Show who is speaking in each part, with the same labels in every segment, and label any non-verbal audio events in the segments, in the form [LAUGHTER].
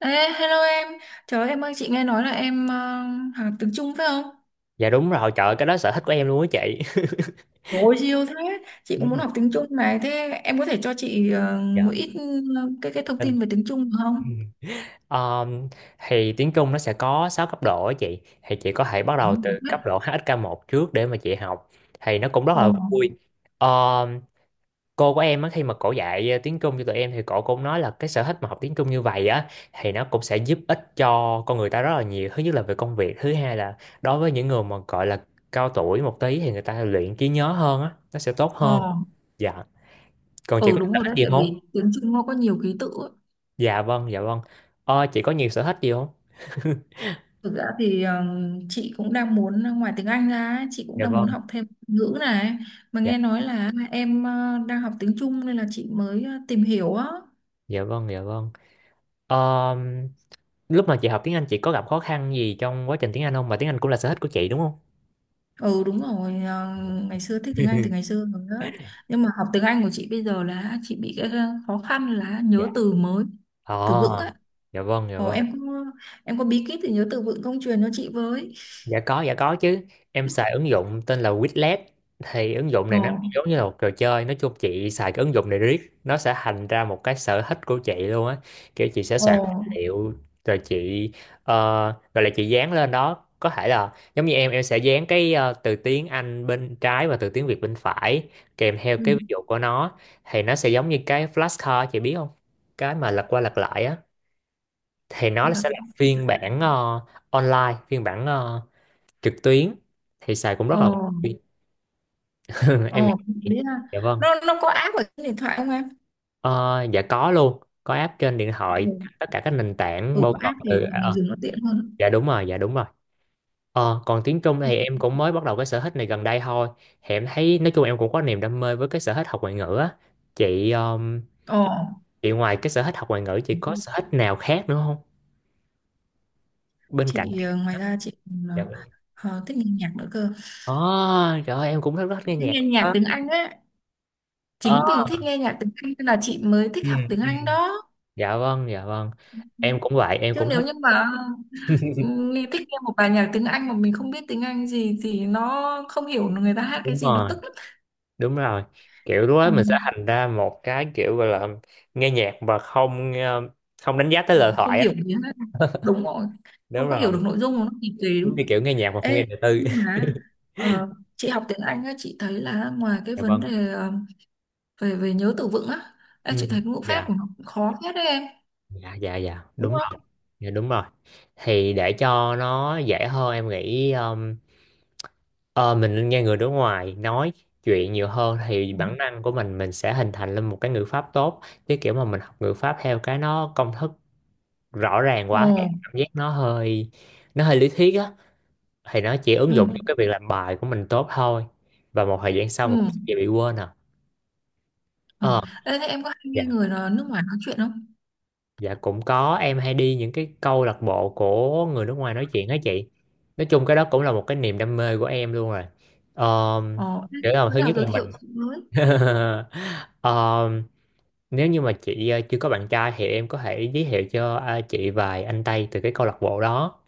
Speaker 1: Ê, hello em. Trời ơi, em ơi, chị nghe nói là em học tiếng Trung phải không?
Speaker 2: Dạ đúng rồi, trời ơi, cái đó sở thích của em luôn á chị. [LAUGHS]
Speaker 1: Trời ơi, siêu thế. Chị
Speaker 2: Ừ.
Speaker 1: cũng muốn học tiếng Trung này. Thế em có thể cho chị một
Speaker 2: Dạ.
Speaker 1: ít ờ, cái thông
Speaker 2: Tin.
Speaker 1: tin về tiếng Trung được
Speaker 2: Ừ.
Speaker 1: không?
Speaker 2: Ờm, thì tiếng Trung nó sẽ có 6 cấp độ á chị. Thì chị có thể bắt
Speaker 1: Ừ.
Speaker 2: đầu từ cấp độ HSK 1 trước để mà chị học. Thì nó cũng rất
Speaker 1: Ờ,
Speaker 2: là vui. Ờm, cô của em á, khi mà cổ dạy tiếng Trung cho tụi em thì cổ cũng nói là cái sở thích mà học tiếng Trung như vậy á thì nó cũng sẽ giúp ích cho con người ta rất là nhiều. Thứ nhất là về công việc, thứ hai là đối với những người mà gọi là cao tuổi một tí thì người ta luyện trí nhớ hơn á, nó sẽ tốt hơn.
Speaker 1: ờ,
Speaker 2: Dạ. Còn chị
Speaker 1: ừ
Speaker 2: có
Speaker 1: đúng
Speaker 2: sở
Speaker 1: rồi
Speaker 2: thích
Speaker 1: đấy.
Speaker 2: gì
Speaker 1: Tại
Speaker 2: không?
Speaker 1: vì tiếng Trung nó có nhiều ký tự ấy.
Speaker 2: Dạ vâng, dạ vâng. Chị có nhiều sở thích gì không?
Speaker 1: Thực ra thì chị cũng đang muốn, ngoài tiếng Anh ra, ấy, chị cũng
Speaker 2: Dạ
Speaker 1: đang muốn
Speaker 2: vâng.
Speaker 1: học thêm ngữ này. Mà
Speaker 2: Dạ,
Speaker 1: nghe nói là em đang học tiếng Trung nên là chị mới tìm hiểu á.
Speaker 2: dạ vâng, dạ vâng. Ờ, lúc mà chị học tiếng Anh chị có gặp khó khăn gì trong quá trình tiếng Anh không? Mà tiếng Anh cũng là sở thích của chị đúng không?
Speaker 1: Ừ đúng rồi, ngày xưa thích tiếng Anh từ ngày
Speaker 2: [LAUGHS]
Speaker 1: xưa rồi đó. Nhưng mà học tiếng Anh của chị bây giờ là chị bị cái khó khăn là nhớ
Speaker 2: Dạ.
Speaker 1: từ mới,
Speaker 2: Ờ,
Speaker 1: từ vựng á.
Speaker 2: dạ vâng, dạ
Speaker 1: Ồ,
Speaker 2: vâng.
Speaker 1: em có, em có bí kíp thì nhớ từ vựng không, truyền cho chị với.
Speaker 2: Dạ có chứ. Em xài ứng dụng tên là Quizlet. Thì ứng dụng
Speaker 1: Ồ
Speaker 2: này nó giống như là một trò chơi. Nói chung chị xài cái ứng dụng này riết. Nó sẽ thành ra một cái sở thích của chị luôn á. Kiểu chị sẽ
Speaker 1: ồ
Speaker 2: soạn tài liệu. Rồi chị, ờ, rồi là chị dán lên đó. Có thể là giống như em, sẽ dán cái từ tiếng Anh bên trái và từ tiếng Việt bên phải. Kèm theo cái ví
Speaker 1: ừ.
Speaker 2: dụ của nó. Thì nó sẽ giống như cái flashcard chị biết không? Cái mà lật qua lật lại á. Thì nó
Speaker 1: là-
Speaker 2: sẽ là phiên bản online. Phiên bản trực tuyến thì xài cũng
Speaker 1: ồ
Speaker 2: rất là [LAUGHS] em nghĩ.
Speaker 1: ồ Đấy là
Speaker 2: Dạ vâng.
Speaker 1: nó có app ở trên điện thoại không em?
Speaker 2: Ờ, dạ có, luôn có app trên điện thoại,
Speaker 1: Ừ,
Speaker 2: tất cả các nền tảng
Speaker 1: ừ,
Speaker 2: bao
Speaker 1: có
Speaker 2: gồm
Speaker 1: app
Speaker 2: từ
Speaker 1: thì
Speaker 2: à,
Speaker 1: mình dùng nó tiện hơn.
Speaker 2: dạ đúng rồi, dạ đúng rồi. Còn tiếng Trung thì em cũng mới bắt đầu cái sở thích này gần đây thôi. Thì em thấy nói chung em cũng có niềm đam mê với cái sở thích học ngoại ngữ á chị. um,
Speaker 1: Ồ,
Speaker 2: chị ngoài cái sở thích học ngoại ngữ chị có sở thích nào khác nữa không, bên cạnh
Speaker 1: chị
Speaker 2: tiếng Anh
Speaker 1: ngoài
Speaker 2: á?
Speaker 1: ra chị còn,
Speaker 2: Dạ vâng.
Speaker 1: thích nghe nhạc nữa cơ.
Speaker 2: Ờ, trời ơi, em cũng rất rất nghe
Speaker 1: Thích
Speaker 2: nhạc
Speaker 1: nghe nhạc
Speaker 2: đó.
Speaker 1: tiếng Anh á.
Speaker 2: Ờ.
Speaker 1: Chính vì thích nghe nhạc tiếng Anh nên là chị mới
Speaker 2: Ừ,
Speaker 1: thích học tiếng
Speaker 2: ừ.
Speaker 1: Anh đó.
Speaker 2: Dạ vâng, dạ vâng. Em cũng vậy, em
Speaker 1: Chứ
Speaker 2: cũng
Speaker 1: nếu
Speaker 2: thích.
Speaker 1: như mà, ừ, mình thích nghe một bài nhạc tiếng Anh mà mình không biết tiếng Anh gì thì nó không hiểu người ta hát cái
Speaker 2: Đúng
Speaker 1: gì, nó
Speaker 2: rồi,
Speaker 1: tức lắm.
Speaker 2: đúng rồi. Kiểu lúc đó
Speaker 1: Ừ.
Speaker 2: mình sẽ thành ra một cái kiểu gọi là nghe nhạc mà không đánh giá tới lời
Speaker 1: Không
Speaker 2: thoại
Speaker 1: hiểu
Speaker 2: á.
Speaker 1: gì hết, đúng rồi.
Speaker 2: Đúng
Speaker 1: Không có hiểu
Speaker 2: rồi.
Speaker 1: được nội dung của nó thì tùy
Speaker 2: Đúng
Speaker 1: đúng
Speaker 2: như
Speaker 1: không?
Speaker 2: kiểu nghe nhạc mà không nghe
Speaker 1: Ê,
Speaker 2: đời tư.
Speaker 1: nhưng mà
Speaker 2: [LAUGHS]
Speaker 1: ờ, chị học tiếng Anh á, chị thấy là ngoài cái
Speaker 2: Dạ
Speaker 1: vấn
Speaker 2: vâng.
Speaker 1: đề ờ, về về nhớ từ vựng á, ê,
Speaker 2: Ừ.
Speaker 1: chị thấy ngữ pháp
Speaker 2: Dạ,
Speaker 1: của nó cũng khó hết đấy em,
Speaker 2: dạ, dạ, dạ
Speaker 1: đúng
Speaker 2: đúng rồi,
Speaker 1: không?
Speaker 2: dạ đúng rồi. Thì để cho nó dễ hơn em nghĩ, ờ, mình nên nghe người nước ngoài nói chuyện nhiều hơn thì bản năng của mình sẽ hình thành lên một cái ngữ pháp tốt, chứ kiểu mà mình học ngữ pháp theo cái nó công thức rõ ràng
Speaker 1: ồ
Speaker 2: quá em cảm giác nó hơi lý thuyết á. Thì nó chỉ
Speaker 1: ừ,
Speaker 2: ứng dụng cho cái việc làm bài của mình tốt thôi, và một thời gian sau mình cũng
Speaker 1: ừ.
Speaker 2: sẽ bị quên à.
Speaker 1: Ờ.
Speaker 2: ờ
Speaker 1: Ê, thế em có hay
Speaker 2: dạ
Speaker 1: nghe người nó nước ngoài nói chuyện không?
Speaker 2: dạ cũng có, em hay đi những cái câu lạc bộ của người nước ngoài nói chuyện á chị. Nói chung cái đó cũng là một cái niềm đam mê của em luôn rồi. um,
Speaker 1: Ờ, thế
Speaker 2: kiểu là
Speaker 1: bữa
Speaker 2: thứ
Speaker 1: nào
Speaker 2: nhất là
Speaker 1: giới thiệu
Speaker 2: mình.
Speaker 1: chị với.
Speaker 2: [LAUGHS] Ờm, nếu như mà chị chưa có bạn trai thì em có thể giới thiệu cho chị vài anh Tây từ cái câu lạc bộ đó.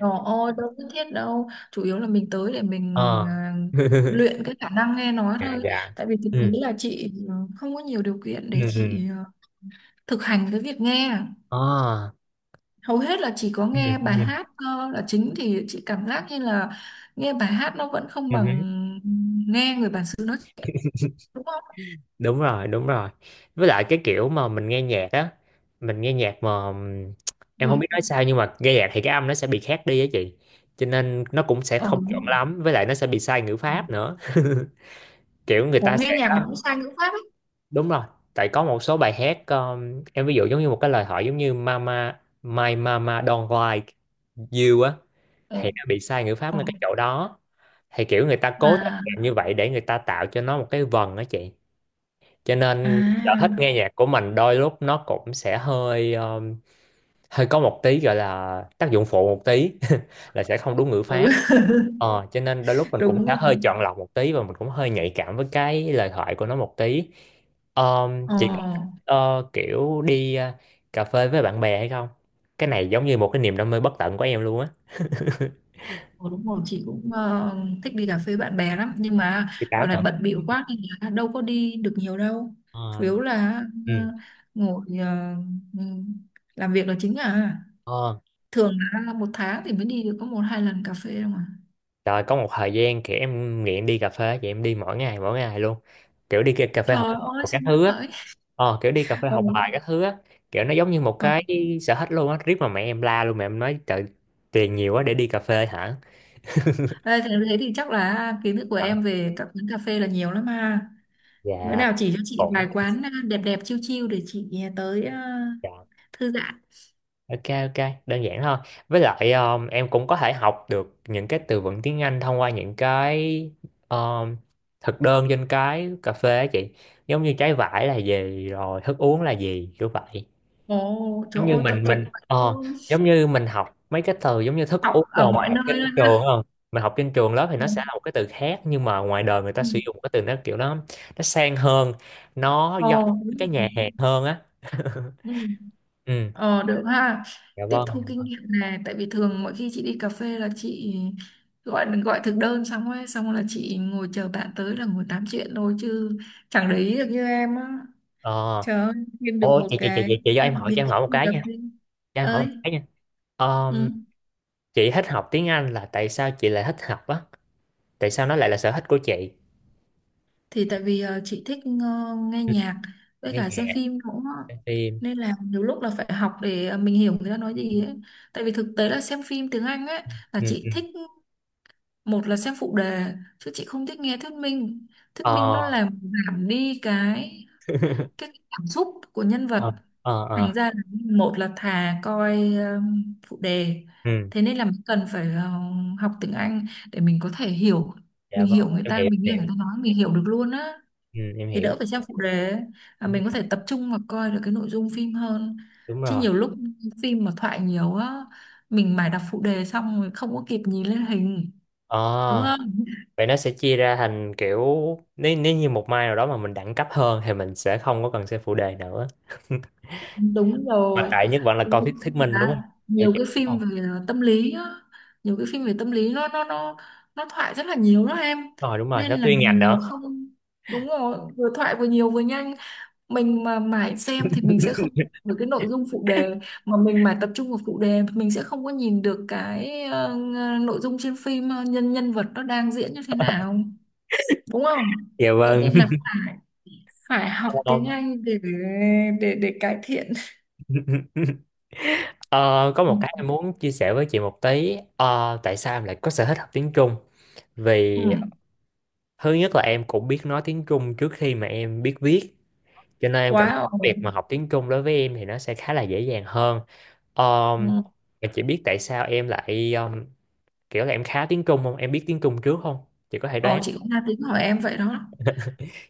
Speaker 1: Ờ, ôi, đâu nhất thiết đâu. Chủ yếu là mình tới để mình
Speaker 2: Ờ.
Speaker 1: à,
Speaker 2: [LAUGHS]
Speaker 1: luyện cái khả năng nghe nói
Speaker 2: Dạ,
Speaker 1: thôi.
Speaker 2: dạ.
Speaker 1: Tại vì thực tế
Speaker 2: Ừ,
Speaker 1: là chị không có nhiều điều kiện
Speaker 2: ừ,
Speaker 1: để
Speaker 2: ừ.
Speaker 1: chị thực hành cái việc nghe.
Speaker 2: Ờ,
Speaker 1: Hầu hết là chỉ có
Speaker 2: ừ,
Speaker 1: nghe bài
Speaker 2: ừ,
Speaker 1: hát là chính, thì chị cảm giác như là nghe bài hát nó vẫn không
Speaker 2: ừ
Speaker 1: bằng
Speaker 2: hứ.
Speaker 1: nghe người bản xứ nói chuyện. Đúng không?
Speaker 2: Đúng rồi, đúng rồi. Với lại cái kiểu mà mình nghe nhạc á, mình nghe nhạc mà, em không
Speaker 1: Ừ.
Speaker 2: biết nói sao nhưng mà nghe nhạc thì cái âm nó sẽ bị khác đi á chị, cho nên nó cũng sẽ
Speaker 1: Ờ,
Speaker 2: không
Speaker 1: đúng
Speaker 2: chuẩn
Speaker 1: rồi.
Speaker 2: lắm, với lại nó sẽ bị sai ngữ pháp nữa. [LAUGHS] Kiểu người
Speaker 1: Ủa,
Speaker 2: ta
Speaker 1: nghe
Speaker 2: sẽ
Speaker 1: nhạc mà cũng sang ngữ pháp ấy.
Speaker 2: đúng rồi. Tại có một số bài hát, em ví dụ giống như một cái lời hỏi, giống như mama my mama don't like you á, thì
Speaker 1: Ờ,
Speaker 2: nó bị sai ngữ pháp
Speaker 1: ờ.
Speaker 2: ngay cái chỗ đó. Thì kiểu người ta cố tình
Speaker 1: À,
Speaker 2: làm như vậy để người ta tạo cho nó một cái vần đó chị, cho nên sở
Speaker 1: à,
Speaker 2: thích nghe nhạc của mình đôi lúc nó cũng sẽ hơi hơi có một tí gọi là tác dụng phụ một tí. [LAUGHS] Là sẽ không đúng ngữ pháp.
Speaker 1: ừ.
Speaker 2: Cho nên đôi lúc
Speaker 1: [LAUGHS]
Speaker 2: mình cũng
Speaker 1: Đúng
Speaker 2: sẽ
Speaker 1: rồi.
Speaker 2: hơi chọn lọc một tí, và mình cũng hơi nhạy cảm với cái lời thoại của nó một tí.
Speaker 1: Ờ,
Speaker 2: Chị có, kiểu đi cà phê với bạn bè hay không? Cái này giống như một cái niềm đam mê bất tận của em luôn á.
Speaker 1: ờ, đúng rồi, chị cũng thích đi cà phê bạn bè lắm. Nhưng mà
Speaker 2: Chị
Speaker 1: dạo
Speaker 2: tám
Speaker 1: này
Speaker 2: hả?
Speaker 1: bận bịu quá nên là đâu có đi được nhiều đâu. Chủ
Speaker 2: Ờ.
Speaker 1: yếu là ờ,
Speaker 2: Ừ.
Speaker 1: ngồi, ừm, làm việc là chính à.
Speaker 2: Ờ.
Speaker 1: Thường là một tháng thì mới đi được có một hai lần cà phê đâu mà.
Speaker 2: Rồi có một thời gian kiểu em nghiện đi cà phê. Vậy em đi mỗi ngày, mỗi ngày luôn. Kiểu đi cà phê
Speaker 1: Trời
Speaker 2: học
Speaker 1: ơi,
Speaker 2: các
Speaker 1: sướng
Speaker 2: thứ á.
Speaker 1: vậy. [LAUGHS]
Speaker 2: Ờ, kiểu đi cà phê
Speaker 1: Ừ.
Speaker 2: học bài các thứ á. Kiểu nó giống như một
Speaker 1: Ờ.
Speaker 2: cái sở thích luôn á. Riết mà mẹ em la luôn, mẹ em nói trời, tiền nhiều quá để đi cà phê hả?
Speaker 1: Ê, thế thế thì chắc là kiến thức của
Speaker 2: Ờ.
Speaker 1: em về các quán cà phê là nhiều lắm ha. Bữa
Speaker 2: Dạ
Speaker 1: nào chỉ cho chị vài
Speaker 2: cũng.
Speaker 1: quán đẹp đẹp chiêu chiêu để chị tới
Speaker 2: Dạ.
Speaker 1: thư giãn.
Speaker 2: Ok, ok, đơn giản thôi. Với lại, em cũng có thể học được những cái từ vựng tiếng Anh thông qua những cái, um, thực đơn trên cái cà phê á chị. Giống như trái vải là gì rồi thức uống là gì, kiểu vậy.
Speaker 1: Ồ, trời
Speaker 2: giống như
Speaker 1: ơi,
Speaker 2: mình
Speaker 1: tận dụng
Speaker 2: mình
Speaker 1: vậy
Speaker 2: ờ
Speaker 1: luôn.
Speaker 2: giống như mình học mấy cái từ giống như thức
Speaker 1: Học
Speaker 2: uống
Speaker 1: ở
Speaker 2: đồ mình
Speaker 1: mọi
Speaker 2: học
Speaker 1: nơi
Speaker 2: trên
Speaker 1: luôn
Speaker 2: trường
Speaker 1: ha.
Speaker 2: không? Mình học trên trường lớp thì nó sẽ
Speaker 1: Ừ.
Speaker 2: là một cái từ khác, nhưng mà ngoài đời người ta
Speaker 1: Ừ.
Speaker 2: sử dụng cái từ nó kiểu nó sang hơn, nó giống
Speaker 1: Ờ, đúng
Speaker 2: cái nhà
Speaker 1: rồi.
Speaker 2: hàng hơn á. [LAUGHS]
Speaker 1: Ừ.
Speaker 2: Ừ.
Speaker 1: Ờ, được ha.
Speaker 2: Dạ
Speaker 1: Tiếp
Speaker 2: vâng.
Speaker 1: thu kinh nghiệm này, tại vì thường mỗi khi chị đi cà phê là chị gọi gọi thực đơn xong ấy, xong là chị ngồi chờ bạn tới là ngồi tám chuyện thôi chứ chẳng để ý được như em á.
Speaker 2: ờ
Speaker 1: Trời ơi, kiếm được
Speaker 2: Ô
Speaker 1: một
Speaker 2: chị chị chị
Speaker 1: cái
Speaker 2: chị chị cho em hỏi,
Speaker 1: biệt
Speaker 2: cho em hỏi một
Speaker 1: đi
Speaker 2: cái
Speaker 1: cà
Speaker 2: nha,
Speaker 1: phê.
Speaker 2: cho em hỏi một
Speaker 1: Ơi,
Speaker 2: cái nha. Ờ,
Speaker 1: ừ.
Speaker 2: chị thích học tiếng Anh là tại sao chị lại thích học á, tại sao nó lại là sở thích của chị?
Speaker 1: Thì tại vì chị thích nghe
Speaker 2: Ừ,
Speaker 1: nhạc với
Speaker 2: nghe
Speaker 1: cả xem
Speaker 2: nhạc,
Speaker 1: phim cũng,
Speaker 2: xem phim.
Speaker 1: nên là nhiều lúc là phải học để mình hiểu người ta nói gì ấy. Tại vì thực tế là xem phim tiếng Anh ấy, là
Speaker 2: Ừ,
Speaker 1: chị
Speaker 2: ừ.
Speaker 1: thích một là xem phụ đề chứ chị không thích nghe thuyết minh. Thuyết
Speaker 2: Ờ.
Speaker 1: minh nó làm giảm đi
Speaker 2: [LAUGHS]
Speaker 1: cái cảm xúc của nhân vật.
Speaker 2: Ờ, ờ,
Speaker 1: Thành
Speaker 2: ờ.
Speaker 1: ra là một là thà coi phụ đề.
Speaker 2: Ừ.
Speaker 1: Thế nên là mình cần phải học tiếng Anh để mình có thể hiểu,
Speaker 2: Dạ
Speaker 1: mình
Speaker 2: vâng,
Speaker 1: hiểu người
Speaker 2: em
Speaker 1: ta,
Speaker 2: hiểu,
Speaker 1: mình
Speaker 2: em
Speaker 1: nghe
Speaker 2: hiểu.
Speaker 1: người ta nói mình hiểu được luôn á,
Speaker 2: Ừ, em
Speaker 1: thì
Speaker 2: hiểu.
Speaker 1: đỡ phải xem phụ đề ấy. À,
Speaker 2: Đúng,
Speaker 1: mình có thể tập trung và coi được cái nội dung phim hơn.
Speaker 2: đúng
Speaker 1: Chứ
Speaker 2: rồi.
Speaker 1: nhiều lúc phim mà thoại nhiều á, mình mải đọc phụ đề xong rồi không có kịp nhìn lên hình, đúng
Speaker 2: À,
Speaker 1: không?
Speaker 2: vậy nó sẽ chia ra thành kiểu, nếu nếu như một mai nào đó mà mình đẳng cấp hơn thì mình sẽ không có cần xem phụ đề nữa. [LAUGHS]
Speaker 1: Đúng
Speaker 2: Mà
Speaker 1: rồi.
Speaker 2: tại nhất vẫn là
Speaker 1: Đúng
Speaker 2: coi thuyết thuyết minh đúng
Speaker 1: là
Speaker 2: không? Hiểu
Speaker 1: nhiều
Speaker 2: chưa?
Speaker 1: cái
Speaker 2: Đúng
Speaker 1: phim
Speaker 2: không?
Speaker 1: về tâm lý á, nhiều cái phim về tâm lý nó thoại rất là nhiều đó em,
Speaker 2: Đúng rồi,
Speaker 1: nên
Speaker 2: nó
Speaker 1: là
Speaker 2: chuyên ngành
Speaker 1: mình mà
Speaker 2: nữa.
Speaker 1: không, đúng rồi, vừa thoại vừa nhiều vừa nhanh, mình mà mãi xem thì mình sẽ không, với cái nội dung phụ đề, mà mình mãi tập trung vào phụ đề thì mình sẽ không có nhìn được cái nội dung trên phim, ờ, nhân nhân vật nó đang diễn như thế nào, đúng không?
Speaker 2: Dạ
Speaker 1: Thế
Speaker 2: vâng.
Speaker 1: nên là phải phải học
Speaker 2: [LAUGHS]
Speaker 1: tiếng
Speaker 2: Không.
Speaker 1: Anh để để cải thiện.
Speaker 2: [LAUGHS] Ờ, có một cái
Speaker 1: Ừ.
Speaker 2: em muốn chia sẻ với chị một tí. Ờ, tại sao em lại có sở thích học tiếng Trung? Vì
Speaker 1: Ừ.
Speaker 2: thứ nhất là em cũng biết nói tiếng Trung trước khi mà em biết viết. Cho nên em cảm thấy
Speaker 1: Wow.
Speaker 2: việc mà học tiếng Trung đối với em thì nó sẽ khá là dễ dàng hơn. um,
Speaker 1: Ừ.
Speaker 2: em chỉ biết tại sao em lại, kiểu là em khá tiếng Trung không, em biết tiếng Trung trước không, chị có thể
Speaker 1: Ồ,
Speaker 2: đoán.
Speaker 1: chị cũng đang tính hỏi em vậy đó.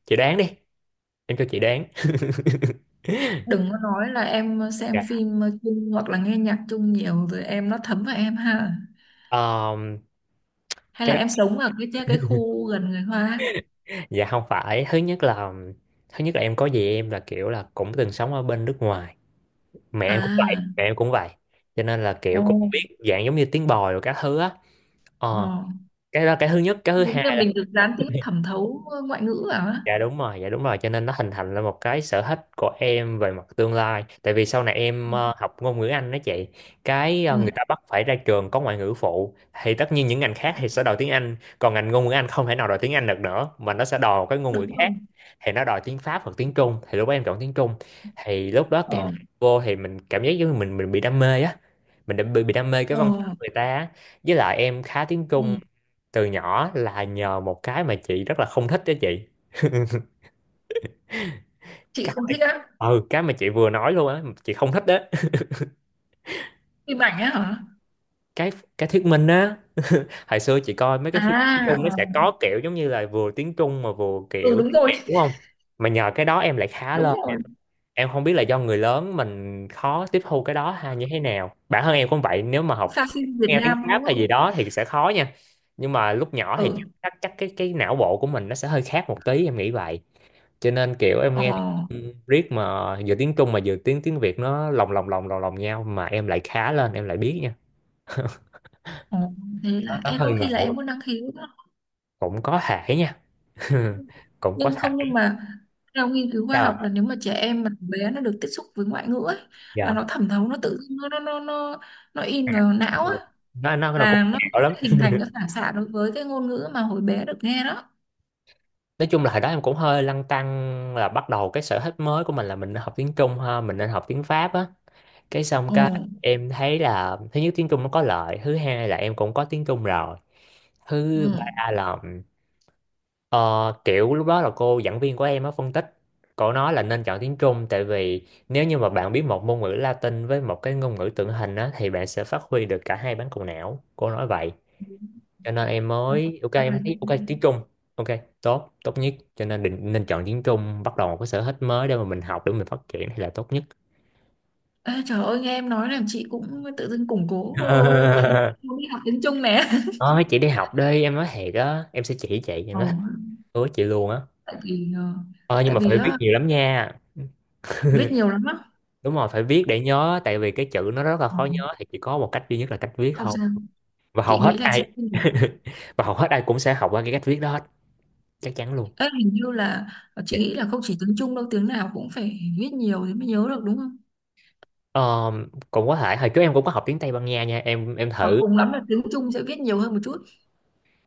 Speaker 2: Chị đoán đi, em cho chị đoán. [LAUGHS]
Speaker 1: Đừng có nói là em xem
Speaker 2: Dạ.
Speaker 1: phim chung hoặc là nghe nhạc chung nhiều rồi em nó thấm vào em ha,
Speaker 2: Um,
Speaker 1: hay
Speaker 2: cái
Speaker 1: là em
Speaker 2: đó-
Speaker 1: sống ở cái khu gần người Hoa
Speaker 2: dạ không phải, thứ nhất là em có gì em là kiểu là cũng từng sống ở bên nước ngoài. Mẹ em cũng vậy,
Speaker 1: à.
Speaker 2: mẹ em cũng vậy. Cho nên là
Speaker 1: Ờ,
Speaker 2: kiểu cũng biết dạng giống như tiếng bòi rồi các thứ á.
Speaker 1: ờ.
Speaker 2: ờ cái đó là cái thứ nhất, cái thứ
Speaker 1: Đúng là
Speaker 2: hai.
Speaker 1: mình được gián tiếp thẩm thấu ngoại ngữ à?
Speaker 2: Dạ đúng rồi, cho nên nó hình thành lên một cái sở thích của em về mặt tương lai. Tại vì sau này em học ngôn ngữ Anh đó chị,
Speaker 1: Ừ,
Speaker 2: người ta bắt phải ra trường có ngoại ngữ phụ, thì tất nhiên những ngành khác thì sẽ đòi tiếng Anh, còn ngành ngôn ngữ Anh không thể nào đòi tiếng Anh được nữa mà nó sẽ đòi một cái ngôn ngữ
Speaker 1: đúng
Speaker 2: khác.
Speaker 1: rồi.
Speaker 2: Thì nó đòi tiếng Pháp hoặc tiếng Trung, thì lúc đó em chọn tiếng Trung. Thì lúc đó càng
Speaker 1: Ờ,
Speaker 2: học vô thì mình cảm giác giống như mình bị đam mê á. Mình đã bị đam mê cái văn hóa
Speaker 1: ờ,
Speaker 2: người ta á. Với lại em khá tiếng Trung
Speaker 1: ừ.
Speaker 2: từ nhỏ là nhờ một cái mà chị rất là không thích đó chị. [LAUGHS]
Speaker 1: Chị
Speaker 2: cái
Speaker 1: không thích
Speaker 2: mà-
Speaker 1: á,
Speaker 2: ừ cái mà chị vừa nói luôn á, chị không thích đấy. [LAUGHS]
Speaker 1: phim ảnh á hả?
Speaker 2: cái cái thuyết minh á, hồi xưa chị coi mấy cái phim tiếng
Speaker 1: À,
Speaker 2: Trung
Speaker 1: ờ.
Speaker 2: nó sẽ có kiểu giống như là vừa tiếng Trung mà vừa
Speaker 1: Ừ
Speaker 2: kiểu
Speaker 1: đúng
Speaker 2: tiếng
Speaker 1: rồi,
Speaker 2: Việt đúng không, mà nhờ cái đó em lại khá
Speaker 1: đúng
Speaker 2: lên.
Speaker 1: rồi.
Speaker 2: Em không biết là do người lớn mình khó tiếp thu cái đó hay như thế nào, bản thân em cũng vậy, nếu mà học
Speaker 1: Sao phim Việt
Speaker 2: nghe tiếng
Speaker 1: Nam
Speaker 2: Pháp
Speaker 1: đúng
Speaker 2: hay
Speaker 1: không?
Speaker 2: gì đó thì sẽ khó nha. Nhưng mà lúc nhỏ thì
Speaker 1: Ừ,
Speaker 2: chắc chắc cái não bộ của mình nó sẽ hơi khác một tí, em nghĩ vậy. Cho nên kiểu em
Speaker 1: ờ,
Speaker 2: nghe riết mà vừa tiếng Trung mà vừa tiếng tiếng Việt, nó lồng lồng lồng lồng lồng nhau mà em lại khá lên, em lại biết nha.
Speaker 1: ờ. Thế
Speaker 2: nó,
Speaker 1: là
Speaker 2: nó
Speaker 1: em có
Speaker 2: hơi
Speaker 1: khi là
Speaker 2: ngộ,
Speaker 1: em có năng khiếu đó.
Speaker 2: cũng có thể nha. [LAUGHS] Cũng có
Speaker 1: Nhưng không,
Speaker 2: thể.
Speaker 1: nhưng mà theo nghiên cứu khoa
Speaker 2: Ờ,
Speaker 1: học là nếu mà trẻ em mà từ bé nó được tiếp xúc với ngoại ngữ ấy, là
Speaker 2: dạ.
Speaker 1: nó thẩm thấu nó tự dưng nó in vào não
Speaker 2: Đúng,
Speaker 1: ấy,
Speaker 2: nó cũng
Speaker 1: là nó
Speaker 2: ngẹo lắm.
Speaker 1: sẽ hình thành cái phản xạ đối với cái ngôn ngữ mà hồi bé được nghe đó.
Speaker 2: Nói chung là hồi đó em cũng hơi lăn tăn, là bắt đầu cái sở thích mới của mình, là mình nên học tiếng Trung ha mình nên học tiếng Pháp á, cái xong cái
Speaker 1: Ừ.
Speaker 2: em thấy là thứ nhất tiếng Trung nó có lợi, thứ hai là em cũng có tiếng Trung rồi,
Speaker 1: Ừ.
Speaker 2: thứ ba là ờ, kiểu lúc đó là cô giảng viên của em á phân tích, cô nói là nên chọn tiếng Trung, tại vì nếu như mà bạn biết một ngôn ngữ Latin với một cái ngôn ngữ tượng hình á thì bạn sẽ phát huy được cả hai bán cầu não, cô nói vậy. Cho nên em mới ok,
Speaker 1: À, rồi.
Speaker 2: em thấy ok tiếng Trung ok, tốt tốt nhất, cho nên định nên chọn tiếng Trung, bắt đầu một cái sở thích mới để mà mình học để mình phát triển thì là tốt nhất.
Speaker 1: Ê, trời ơi nghe em nói làm chị cũng tự dưng củng cố ý
Speaker 2: [LAUGHS]
Speaker 1: muốn đi học tiếng Trung nè.
Speaker 2: Nói chị đi học đi, em nói thiệt á, em sẽ chỉ chị, em
Speaker 1: Ồ,
Speaker 2: nói hứa chị luôn á.
Speaker 1: tại vì
Speaker 2: Ờ nhưng
Speaker 1: tại
Speaker 2: mà
Speaker 1: vì
Speaker 2: phải viết
Speaker 1: ờ,
Speaker 2: nhiều lắm nha.
Speaker 1: viết nhiều lắm á.
Speaker 2: Đúng rồi, phải viết để nhớ, tại vì cái chữ nó rất là
Speaker 1: Ờ,
Speaker 2: khó nhớ thì chỉ có một cách duy nhất là cách viết
Speaker 1: không
Speaker 2: thôi.
Speaker 1: sao,
Speaker 2: Và hầu
Speaker 1: chị
Speaker 2: hết
Speaker 1: nghĩ là chị.
Speaker 2: ai [LAUGHS] và hầu hết ai cũng sẽ học qua cái cách viết đó hết, chắc chắn luôn.
Speaker 1: Ê, hình như là chị
Speaker 2: Dạ.
Speaker 1: nghĩ là không chỉ tiếng Trung đâu, tiếng nào cũng phải viết nhiều thì mới nhớ được đúng không,
Speaker 2: Ờ, cũng có thể. Hồi trước em cũng có học tiếng Tây Ban Nha nha, em
Speaker 1: hoặc
Speaker 2: thử,
Speaker 1: cùng lắm là tiếng Trung sẽ viết nhiều hơn một chút.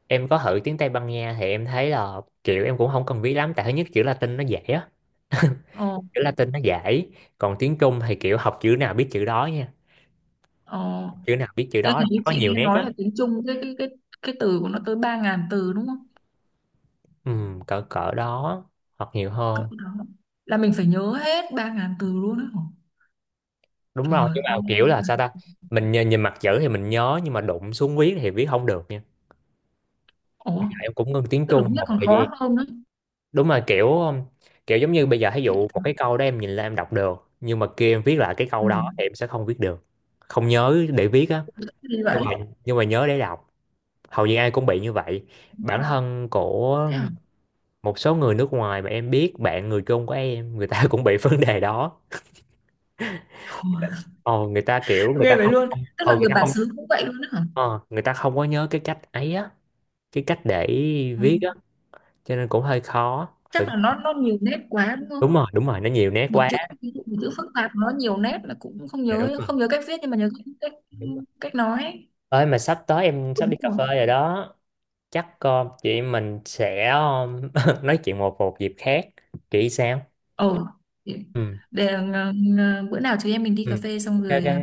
Speaker 2: em có thử tiếng Tây Ban Nha thì em thấy là kiểu em cũng không cần viết lắm, tại thứ nhất chữ Latin nó dễ á. [LAUGHS]
Speaker 1: Ồ,
Speaker 2: Chữ Latin nó dễ, còn tiếng Trung thì kiểu học chữ nào biết chữ đó nha,
Speaker 1: ồ
Speaker 2: chữ nào biết chữ
Speaker 1: Ê,
Speaker 2: đó, là
Speaker 1: ý
Speaker 2: có
Speaker 1: chị
Speaker 2: nhiều
Speaker 1: nghe
Speaker 2: nét
Speaker 1: nói
Speaker 2: á.
Speaker 1: là tiếng Trung cái cái từ của nó tới 3.000 từ đúng không?
Speaker 2: Ừ, cỡ cỡ đó, hoặc nhiều
Speaker 1: Cỡ
Speaker 2: hơn.
Speaker 1: đó. Là mình phải nhớ hết 3.000 từ luôn đó hả?
Speaker 2: Đúng rồi,
Speaker 1: Trời
Speaker 2: nhưng mà
Speaker 1: ơi.
Speaker 2: kiểu là sao ta, mình nhìn mặt chữ thì mình nhớ, nhưng mà đụng xuống viết thì viết không được nha. Bây
Speaker 1: Ủa,
Speaker 2: giờ em cũng ngưng tiếng
Speaker 1: tức là
Speaker 2: Trung
Speaker 1: biết
Speaker 2: một
Speaker 1: còn
Speaker 2: thời gian.
Speaker 1: khó hơn nữa.
Speaker 2: Đúng là kiểu kiểu giống như bây giờ, ví
Speaker 1: Chị
Speaker 2: dụ một cái
Speaker 1: tưởng-
Speaker 2: câu đó em nhìn lên em đọc được, nhưng mà kia em viết lại cái
Speaker 1: ừ.
Speaker 2: câu đó thì em sẽ không viết được, không nhớ để viết á.
Speaker 1: Đi
Speaker 2: nhưng
Speaker 1: vậy.
Speaker 2: mà nhưng mà nhớ để đọc, hầu như ai cũng bị như vậy. Bản thân của
Speaker 1: Thế hả?
Speaker 2: một số người nước ngoài mà em biết, bạn người Trung của em, người ta cũng bị [LAUGHS] vấn đề đó.
Speaker 1: Ủa,
Speaker 2: Ờ, người ta kiểu người
Speaker 1: ghê
Speaker 2: ta
Speaker 1: vậy
Speaker 2: không
Speaker 1: luôn.
Speaker 2: không
Speaker 1: Tức
Speaker 2: ờ,
Speaker 1: là
Speaker 2: người
Speaker 1: người
Speaker 2: ta
Speaker 1: bản
Speaker 2: không
Speaker 1: xứ cũng vậy luôn đó hả?
Speaker 2: ờ, người ta không có nhớ cái cách ấy á, cái cách để
Speaker 1: Ừ.
Speaker 2: viết á, cho nên cũng hơi khó phải.
Speaker 1: Chắc là nó nhiều nét quá đúng không?
Speaker 2: Đúng rồi, nó nhiều nét
Speaker 1: Một
Speaker 2: quá.
Speaker 1: chữ, ví dụ một chữ phức tạp nó nhiều nét là cũng không
Speaker 2: Dạ đúng
Speaker 1: nhớ,
Speaker 2: rồi,
Speaker 1: không nhớ cách viết nhưng mà nhớ cách cách,
Speaker 2: đúng rồi.
Speaker 1: cách nói ấy.
Speaker 2: Ơi mà sắp tới em sắp
Speaker 1: Đúng
Speaker 2: đi cà
Speaker 1: rồi.
Speaker 2: phê rồi đó, chắc ờ, chị em mình sẽ ờ, [LAUGHS] nói chuyện một một dịp khác, chị sao.
Speaker 1: Ồ,
Speaker 2: Ừ
Speaker 1: để, ờ, bữa nào chúng em mình đi
Speaker 2: ừ,
Speaker 1: cà phê xong
Speaker 2: ok
Speaker 1: rồi
Speaker 2: ok.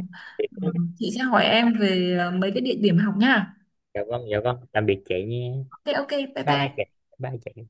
Speaker 1: chị sẽ hỏi em về mấy cái địa điểm học nha.
Speaker 2: Dạ vâng dạ vâng, tạm biệt chị nha.
Speaker 1: Thế ok, bye
Speaker 2: Bye chị,
Speaker 1: bye.
Speaker 2: bye chị.